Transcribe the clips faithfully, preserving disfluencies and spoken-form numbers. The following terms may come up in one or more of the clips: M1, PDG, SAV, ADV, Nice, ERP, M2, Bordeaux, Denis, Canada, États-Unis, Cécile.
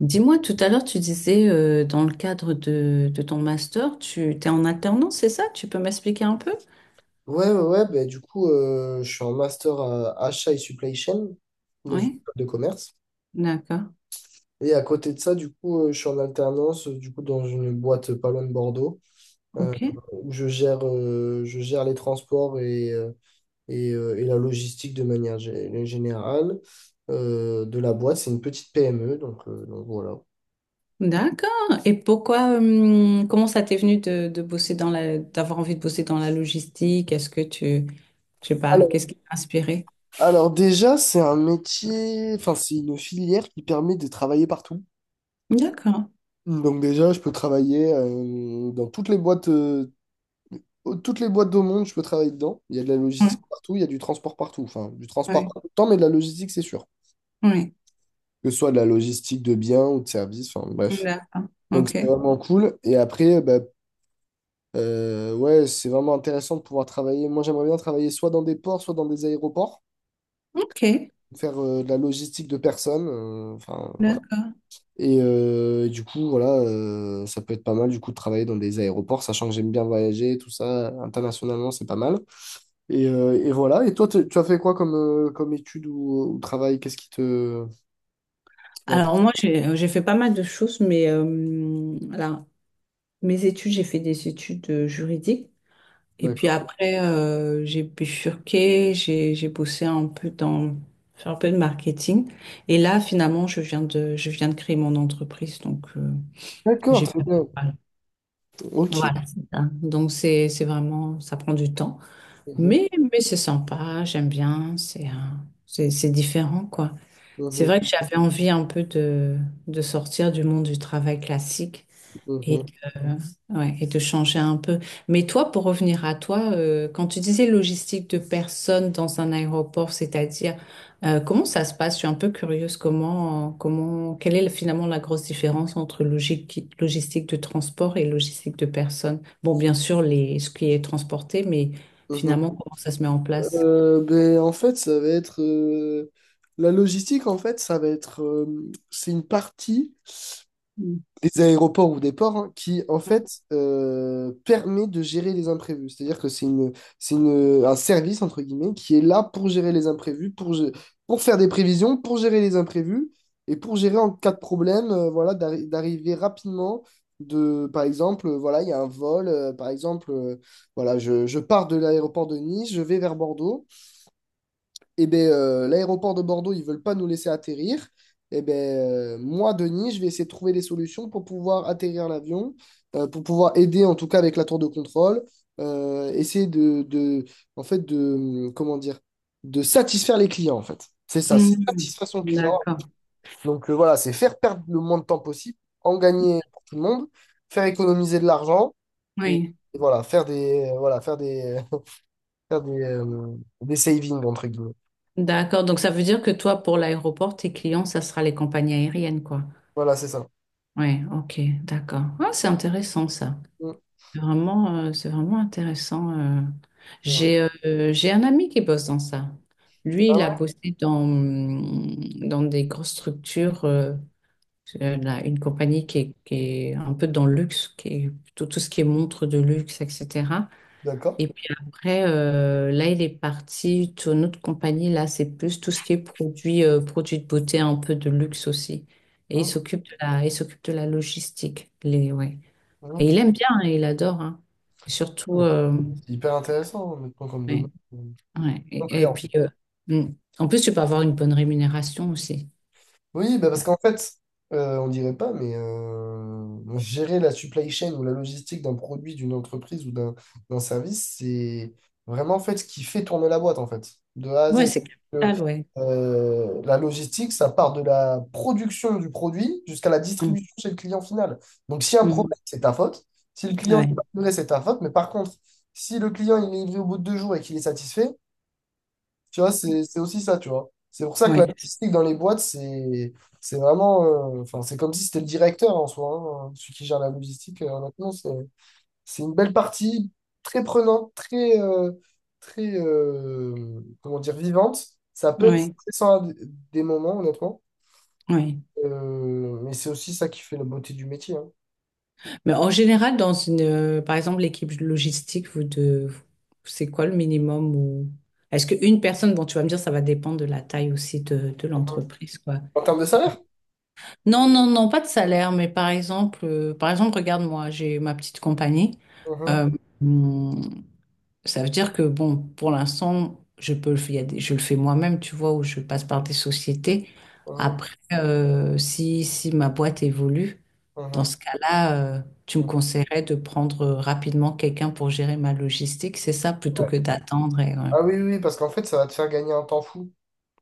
Dis-moi, tout à l'heure, tu disais, euh, dans le cadre de, de ton master, tu t'es en alternance, c'est ça? Tu peux m'expliquer un peu? Ouais, ouais, ouais, bah, du coup, euh, je suis en master à achat et supply chain dans une Oui, école de commerce. d'accord. Et à côté de ça, du coup, euh, je suis en alternance, euh, du coup, dans une boîte pas loin de Bordeaux, euh, Ok. où je gère, euh, je gère les transports et, euh, et, euh, et la logistique de manière gé- générale euh, de la boîte. C'est une petite P M E, donc, euh, donc voilà. D'accord. Et pourquoi, hum, comment ça t'est venu de, de bosser dans la, d'avoir envie de bosser dans la logistique? Est-ce que tu, je sais pas, qu'est-ce Alors, qui t'a inspiré? alors déjà, c'est un métier, enfin, c'est une filière qui permet de travailler partout. D'accord. Donc déjà, je peux travailler euh, dans toutes les boîtes, euh, toutes les boîtes au monde, je peux travailler dedans. Il y a de la Oui, logistique partout, il y a du transport partout. Enfin, du transport oui, pas tout le temps, mais de la logistique, c'est sûr. Que ce soit de la logistique de biens ou de services, enfin oui. bref. D'accord. Donc Ok. c'est vraiment cool. Et après, euh, bah, euh, ouais, c'est vraiment intéressant de pouvoir travailler. Moi, j'aimerais bien travailler soit dans des ports, soit dans des aéroports, Ok. faire euh, de la logistique de personnes. euh, Enfin. D'accord. Et euh, et du coup, voilà, euh, ça peut être pas mal du coup de travailler dans des aéroports, sachant que j'aime bien voyager, tout ça, internationalement, c'est pas mal. Et, euh, et voilà, et toi, tu tu as fait quoi comme, euh, comme étude ou, ou travail? Qu'est-ce qui te... Alors moi, j'ai, j'ai fait pas mal de choses, mais euh, là, mes études, j'ai fait des études euh, juridiques. Et puis D'accord, après, euh, j'ai bifurqué, j'ai j'ai bossé un peu dans faire un peu de marketing. Et là, finalement, je viens de je viens de créer mon entreprise, donc euh, d'accord, j'ai très bien. voilà. Ok. Voilà, c'est ça. Donc c'est c'est vraiment ça prend du temps, Mhm, mais mais c'est sympa, j'aime bien, c'est un- c'est c'est différent quoi. C'est mhm, vrai que j'avais envie un peu de de sortir du monde du travail classique. Et, mhm, euh, ouais, et de changer un peu. Mais toi, pour revenir à toi, euh, quand tu disais logistique de personnes dans un aéroport, c'est-à-dire euh, comment ça se passe? Je suis un peu curieuse. Comment, comment, quelle est finalement la grosse différence entre logique, logistique de transport et logistique de personnes? Bon, bien sûr, les, ce qui est transporté, mais mhm. finalement, comment ça se met en place? Euh, ben, en fait, ça va être... euh, la logistique, en fait, ça va être... euh, c'est une partie Mm. des aéroports ou des ports hein, qui, en fait, euh, permet de gérer les imprévus. C'est-à-dire que c'est une, c'est une, un service, entre guillemets, qui est là pour gérer les imprévus, pour, gé- pour faire des prévisions, pour gérer les imprévus et pour gérer en cas de problème, euh, voilà, d'arri- d'arriver rapidement. De, par exemple, euh, voilà, il y a un vol, euh, par exemple, euh, voilà, je, je pars de l'aéroport de Nice, je vais vers Bordeaux. Eh ben, euh, l'aéroport de Bordeaux, ils veulent pas nous laisser atterrir. Eh ben, euh, moi, Denis, je vais essayer de trouver des solutions pour pouvoir atterrir l'avion, euh, pour pouvoir aider, en tout cas avec la tour de contrôle, euh, essayer de, de, en fait, de, comment dire, de satisfaire les clients, en fait. C'est ça, c'est Mhm. satisfaire son client. D'accord. Donc euh, voilà, c'est faire perdre le moins de temps possible, en gagner pour tout le monde, faire économiser de l'argent et, Oui. et voilà, faire des, euh, voilà, faire des, faire des, euh, des savings, entre guillemets. D'accord. Donc, ça veut dire que toi, pour l'aéroport, tes clients, ça sera les compagnies aériennes, quoi. Voilà, c'est ça. Ouais, OK, d'accord. Ah, c'est intéressant ça. Mm. C'est vraiment, euh, c'est vraiment intéressant. euh. Ouais. J'ai euh, j'ai un ami qui bosse dans ça. Lui, Ah il a ouais? bossé dans, mm, dans des grosses structures, euh, euh, là, une compagnie qui est, qui est un peu dans le luxe, qui est tout, tout ce qui est montre de luxe, et cetera. D'accord. Et puis après, euh, là, il est parti sur notre compagnie. Là, c'est plus tout ce qui est produit, euh, produit de beauté, un peu de luxe aussi. Et il Hum, s'occupe de la, il s'occupe de la logistique. Les, ouais. Et il ok. aime bien, hein, il adore, hein. Et surtout, Oui. euh, C'est hyper intéressant, maintenant, comme domaine. ouais, ouais. Et, Complet. et puis, euh, mm, en plus, tu peux avoir une bonne rémunération aussi. Oui, bah parce qu'en fait, euh, on dirait pas, mais euh, gérer la supply chain ou la logistique d'un produit, d'une entreprise ou d'un d'un service, c'est vraiment en fait ce qui fait tourner la boîte, en fait, de A à Ouais, Z. c'est Euh, capital, ouais. euh, la logistique, ça part de la production du produit jusqu'à la Mm, distribution chez le client final. Donc, si un mm, problème, c'est ta faute. Si le client n'est ouais, pas livré, c'est ta faute. Mais par contre, si le client il est livré au bout de deux jours et qu'il est satisfait, tu vois, c'est c'est aussi ça, tu vois. C'est pour ça que ouais, l'artistique dans les boîtes, c'est c'est vraiment. euh, Enfin, c'est comme si c'était le directeur en soi, hein, celui qui gère la logistique. Euh, maintenant, c'est c'est une belle partie, très prenante, très, euh, très euh, comment dire, vivante. Ça peut être ouais, stressant à d- des moments, honnêtement. ouais. Euh, mais c'est aussi ça qui fait la beauté du métier. Hein. Mais en général, dans une, euh, par exemple, l'équipe logistique, vous de, c'est quoi le minimum ou est-ce qu'une personne, bon, tu vas me dire, ça va dépendre de la taille aussi de, de l'entreprise, quoi. En termes de salaire? Non, non, non, pas de salaire, mais par exemple, euh, par exemple, regarde-moi, j'ai ma petite compagnie. Mhm, Euh, mmh, Ça veut dire que, bon, pour l'instant, je peux le faire, il y a des- je le fais moi-même, tu vois, ou je passe par des sociétés. mhm, Après, euh, si, si ma boîte évolue, dans mhm, ce cas-là, euh, tu me mhm. conseillerais de prendre rapidement quelqu'un pour gérer ma logistique, c'est ça, plutôt Ouais. que d'attendre et... ouais. Ah oui, oui, oui, parce qu'en fait, ça va te faire gagner un temps fou.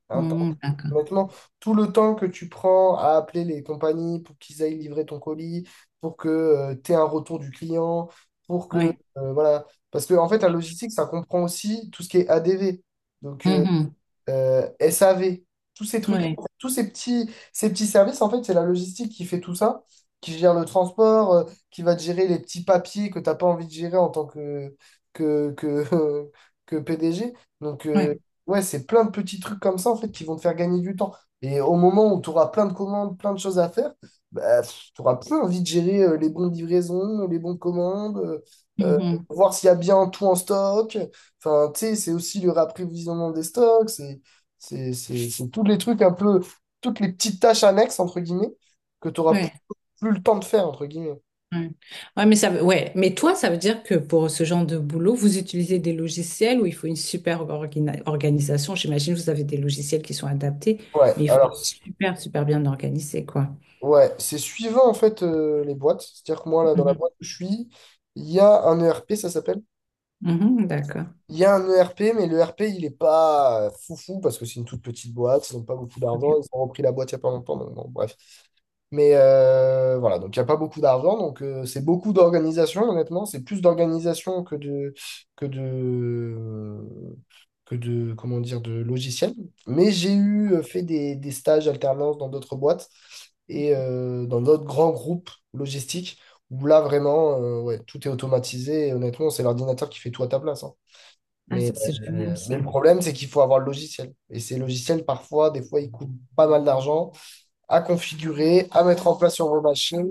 Un temps Mhm, d'accord. Honnêtement, tout le temps que tu prends à appeler les compagnies pour qu'ils aillent livrer ton colis, pour que tu aies un retour du client, pour que... Oui. euh, voilà. Parce que, en fait, la logistique, ça comprend aussi tout ce qui est A D V. Donc, euh, Mhm. euh, S A V, tous ces trucs-là, Oui. en fait, tous ces petits, ces petits services, en fait, c'est la logistique qui fait tout ça, qui gère le transport, euh, qui va te gérer les petits papiers que tu n'as pas envie de gérer en tant que, que, que, que P D G. Donc, euh, Oui. ouais, c'est plein de petits trucs comme ça, en fait, qui vont te faire gagner du temps. Et au moment où tu auras plein de commandes, plein de choses à faire, bah, tu auras plus envie de gérer euh, les bons livraisons, les bons commandes, euh, euh, Mhm. voir s'il y a bien tout en stock. Enfin, tu sais, c'est aussi le rapprévisionnement des stocks. c'est- c'est c'est- c'est tous les trucs un peu, toutes les petites tâches annexes, entre guillemets, que tu n'auras plus, Oui. plus le temps de faire, entre guillemets. Ouais. Ouais, mais ça, veut- ouais. Mais toi, ça veut dire que pour ce genre de boulot, vous utilisez des logiciels où il faut une super organi- organisation. J'imagine que vous avez des logiciels qui sont adaptés, Ouais, mais il faut alors, être super, super bien organisé, quoi. ouais, c'est suivant en fait euh, les boîtes. C'est-à-dire que moi, là, dans la Mhm. boîte où je suis, il y a un E R P, ça s'appelle. Mhm, d'accord. Il y a un E R P, mais le E R P, il est pas euh, foufou parce que c'est une toute petite boîte, ils n'ont pas beaucoup Ok. d'argent, ils ont repris la boîte il n'y a pas longtemps, donc bon, bref. Mais euh, voilà, donc il n'y a pas beaucoup d'argent, donc euh, c'est beaucoup d'organisation, honnêtement, c'est plus d'organisation que de, que de, que de, comment dire, de logiciel. Mais j'ai eu euh, fait des, des stages alternance dans d'autres boîtes et euh, dans d'autres grands groupes logistiques où là, vraiment, euh, ouais, tout est automatisé et honnêtement, c'est l'ordinateur qui fait tout à ta place. Hein. Ah, Mais, ça, c'est génial, euh, ça. mais le problème, c'est qu'il faut avoir le logiciel. Et ces logiciels, parfois, des fois, ils coûtent pas mal d'argent à configurer, à mettre en place sur vos machines.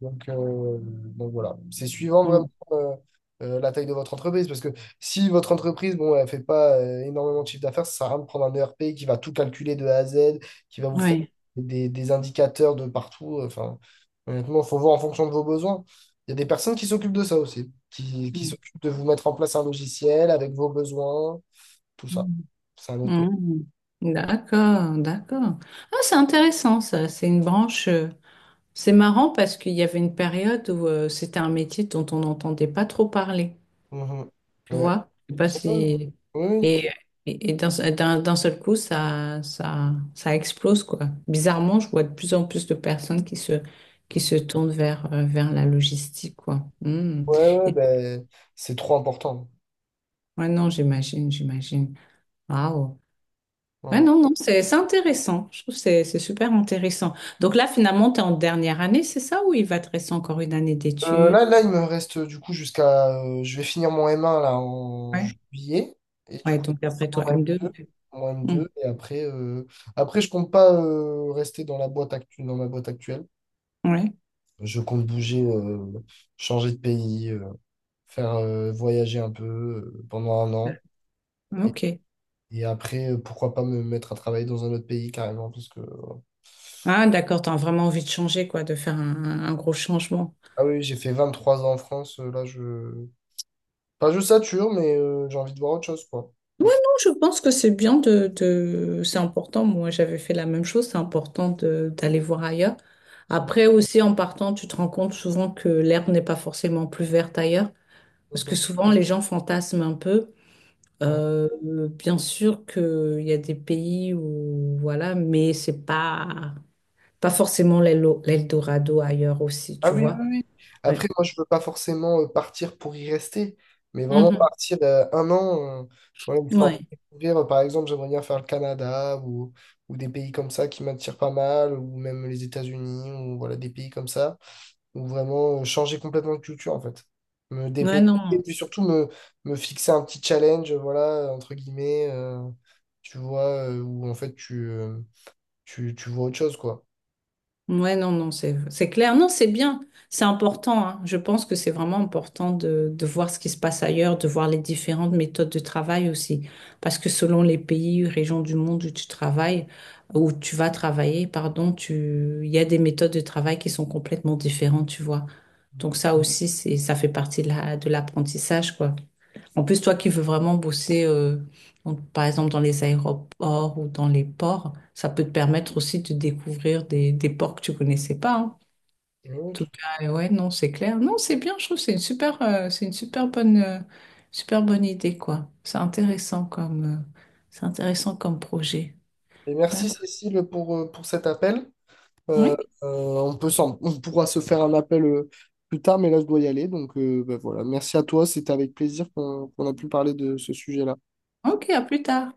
Donc, euh, donc voilà, c'est suivant vraiment Mm. euh, euh, la taille de votre entreprise, parce que si votre entreprise, bon, elle fait pas euh, énormément de chiffre d'affaires, ça sert à rien de prendre un E R P qui va tout calculer de A à Z, qui va vous faire Ouais. des, des indicateurs de partout. Enfin, honnêtement, il faut voir en fonction de vos besoins. Il y a des personnes qui s'occupent de ça aussi, qui, qui Mm. s'occupent de vous mettre en place un logiciel avec vos besoins, tout ça. Mm. C'est un autre métier. Mm. D'accord, d'accord. Ah, c'est intéressant, ça. C'est une branche. euh, C'est marrant parce qu'il y avait une période où euh, c'était un métier dont on n'entendait pas trop parler. Mhm. Tu Ouais. vois? Je sais pas Oui, si... oui, Et, et, et d'un d'un- d'un seul coup, ça, ça, ça explose, quoi. Bizarrement, je vois de plus en plus de personnes qui se, qui se tournent vers, euh, vers la logistique, quoi. Hmm. ouais, ouais, Et, ben, c'est trop important. ouais, non, j'imagine, j'imagine. Waouh. Ouais, Mmh. non, non, c'est c'est intéressant. Je trouve que c'est c'est super intéressant. Donc là, finalement, tu es en dernière année, c'est ça? Ou il va te rester encore une année Euh, d'études? là, là, il me reste euh, du coup jusqu'à. Euh, je vais finir mon M un là en Ouais. juillet. Et du Ouais, coup, donc je vais faire après mon toi, m deux. M deux. Mon Hmm. M deux. Et après, euh, après je compte pas euh, rester dans la boîte actu- dans ma boîte actuelle. Ouais, Je compte bouger, euh, changer de pays, euh, faire euh, voyager un peu euh, pendant un an. Et, ok. et après, euh, pourquoi pas me mettre à travailler dans un autre pays carrément. Parce que. Ah, d'accord, t'as vraiment envie de changer, quoi, de faire un, un gros changement. Ah oui, j'ai fait vingt trois ans en France. euh, Là, je. Pas je sature, mais euh, j'ai envie de voir autre chose, quoi. Non, je pense que c'est bien de, de... C'est important, moi j'avais fait la même chose, c'est important de, d'aller voir ailleurs. Après aussi, en partant, tu te rends compte souvent que l'herbe n'est pas forcément plus verte ailleurs, parce Mhm. que souvent les gens fantasment un peu. Euh, bien sûr qu'il y a des pays où, voilà, mais c'est pas, pas forcément l'Elo- l'Eldorado ailleurs aussi, Ah tu oui, vois. oui, oui. Ouais. Après, moi, je ne veux pas forcément euh, partir pour y rester, mais vraiment Mhm. partir euh, un an, euh, voilà, histoire de Ouais. découvrir. Euh, Par exemple, j'aimerais bien faire le Canada ou, ou des pays comme ça qui m'attirent pas mal, ou même les États-Unis, ou voilà, des pays comme ça, ou vraiment euh, changer complètement de culture, en fait. Me Ouais, dépayser, et non. puis surtout me, me fixer un petit challenge, voilà, entre guillemets, euh, tu vois, euh, où en fait, tu, euh, tu, tu vois autre chose, quoi. Ouais, non, non, c'est, c'est clair. Non, c'est bien. C'est important, hein. Je pense que c'est vraiment important de, de voir ce qui se passe ailleurs, de voir les différentes méthodes de travail aussi. Parce que selon les pays, régions du monde où tu travailles, où tu vas travailler, pardon, tu, il y a des méthodes de travail qui sont complètement différentes, tu vois. Donc ça aussi, c'est, ça fait partie de la, de l'apprentissage, quoi. En plus, toi qui veux vraiment bosser, euh, donc, par exemple dans les aéroports ou dans les ports, ça peut te permettre aussi de découvrir des, des ports que tu connaissais pas, hein. En Et oui, tout tout- cas, euh, ouais, non, c'est clair. Non, c'est bien, je trouve, que c'est une super, euh, c'est une super bonne, euh, super bonne idée, quoi. C'est intéressant comme, euh, c'est intéressant comme projet. et merci, D'accord. Cécile, pour, euh, pour cet appel. Euh, Oui, euh, on peut s'en- on pourra se faire un appel euh, plus tard, mais là, je dois y aller. Donc, euh, bah, voilà. Merci à toi. C'était avec plaisir qu'on qu'on a pu parler de ce sujet-là. ok, à plus tard.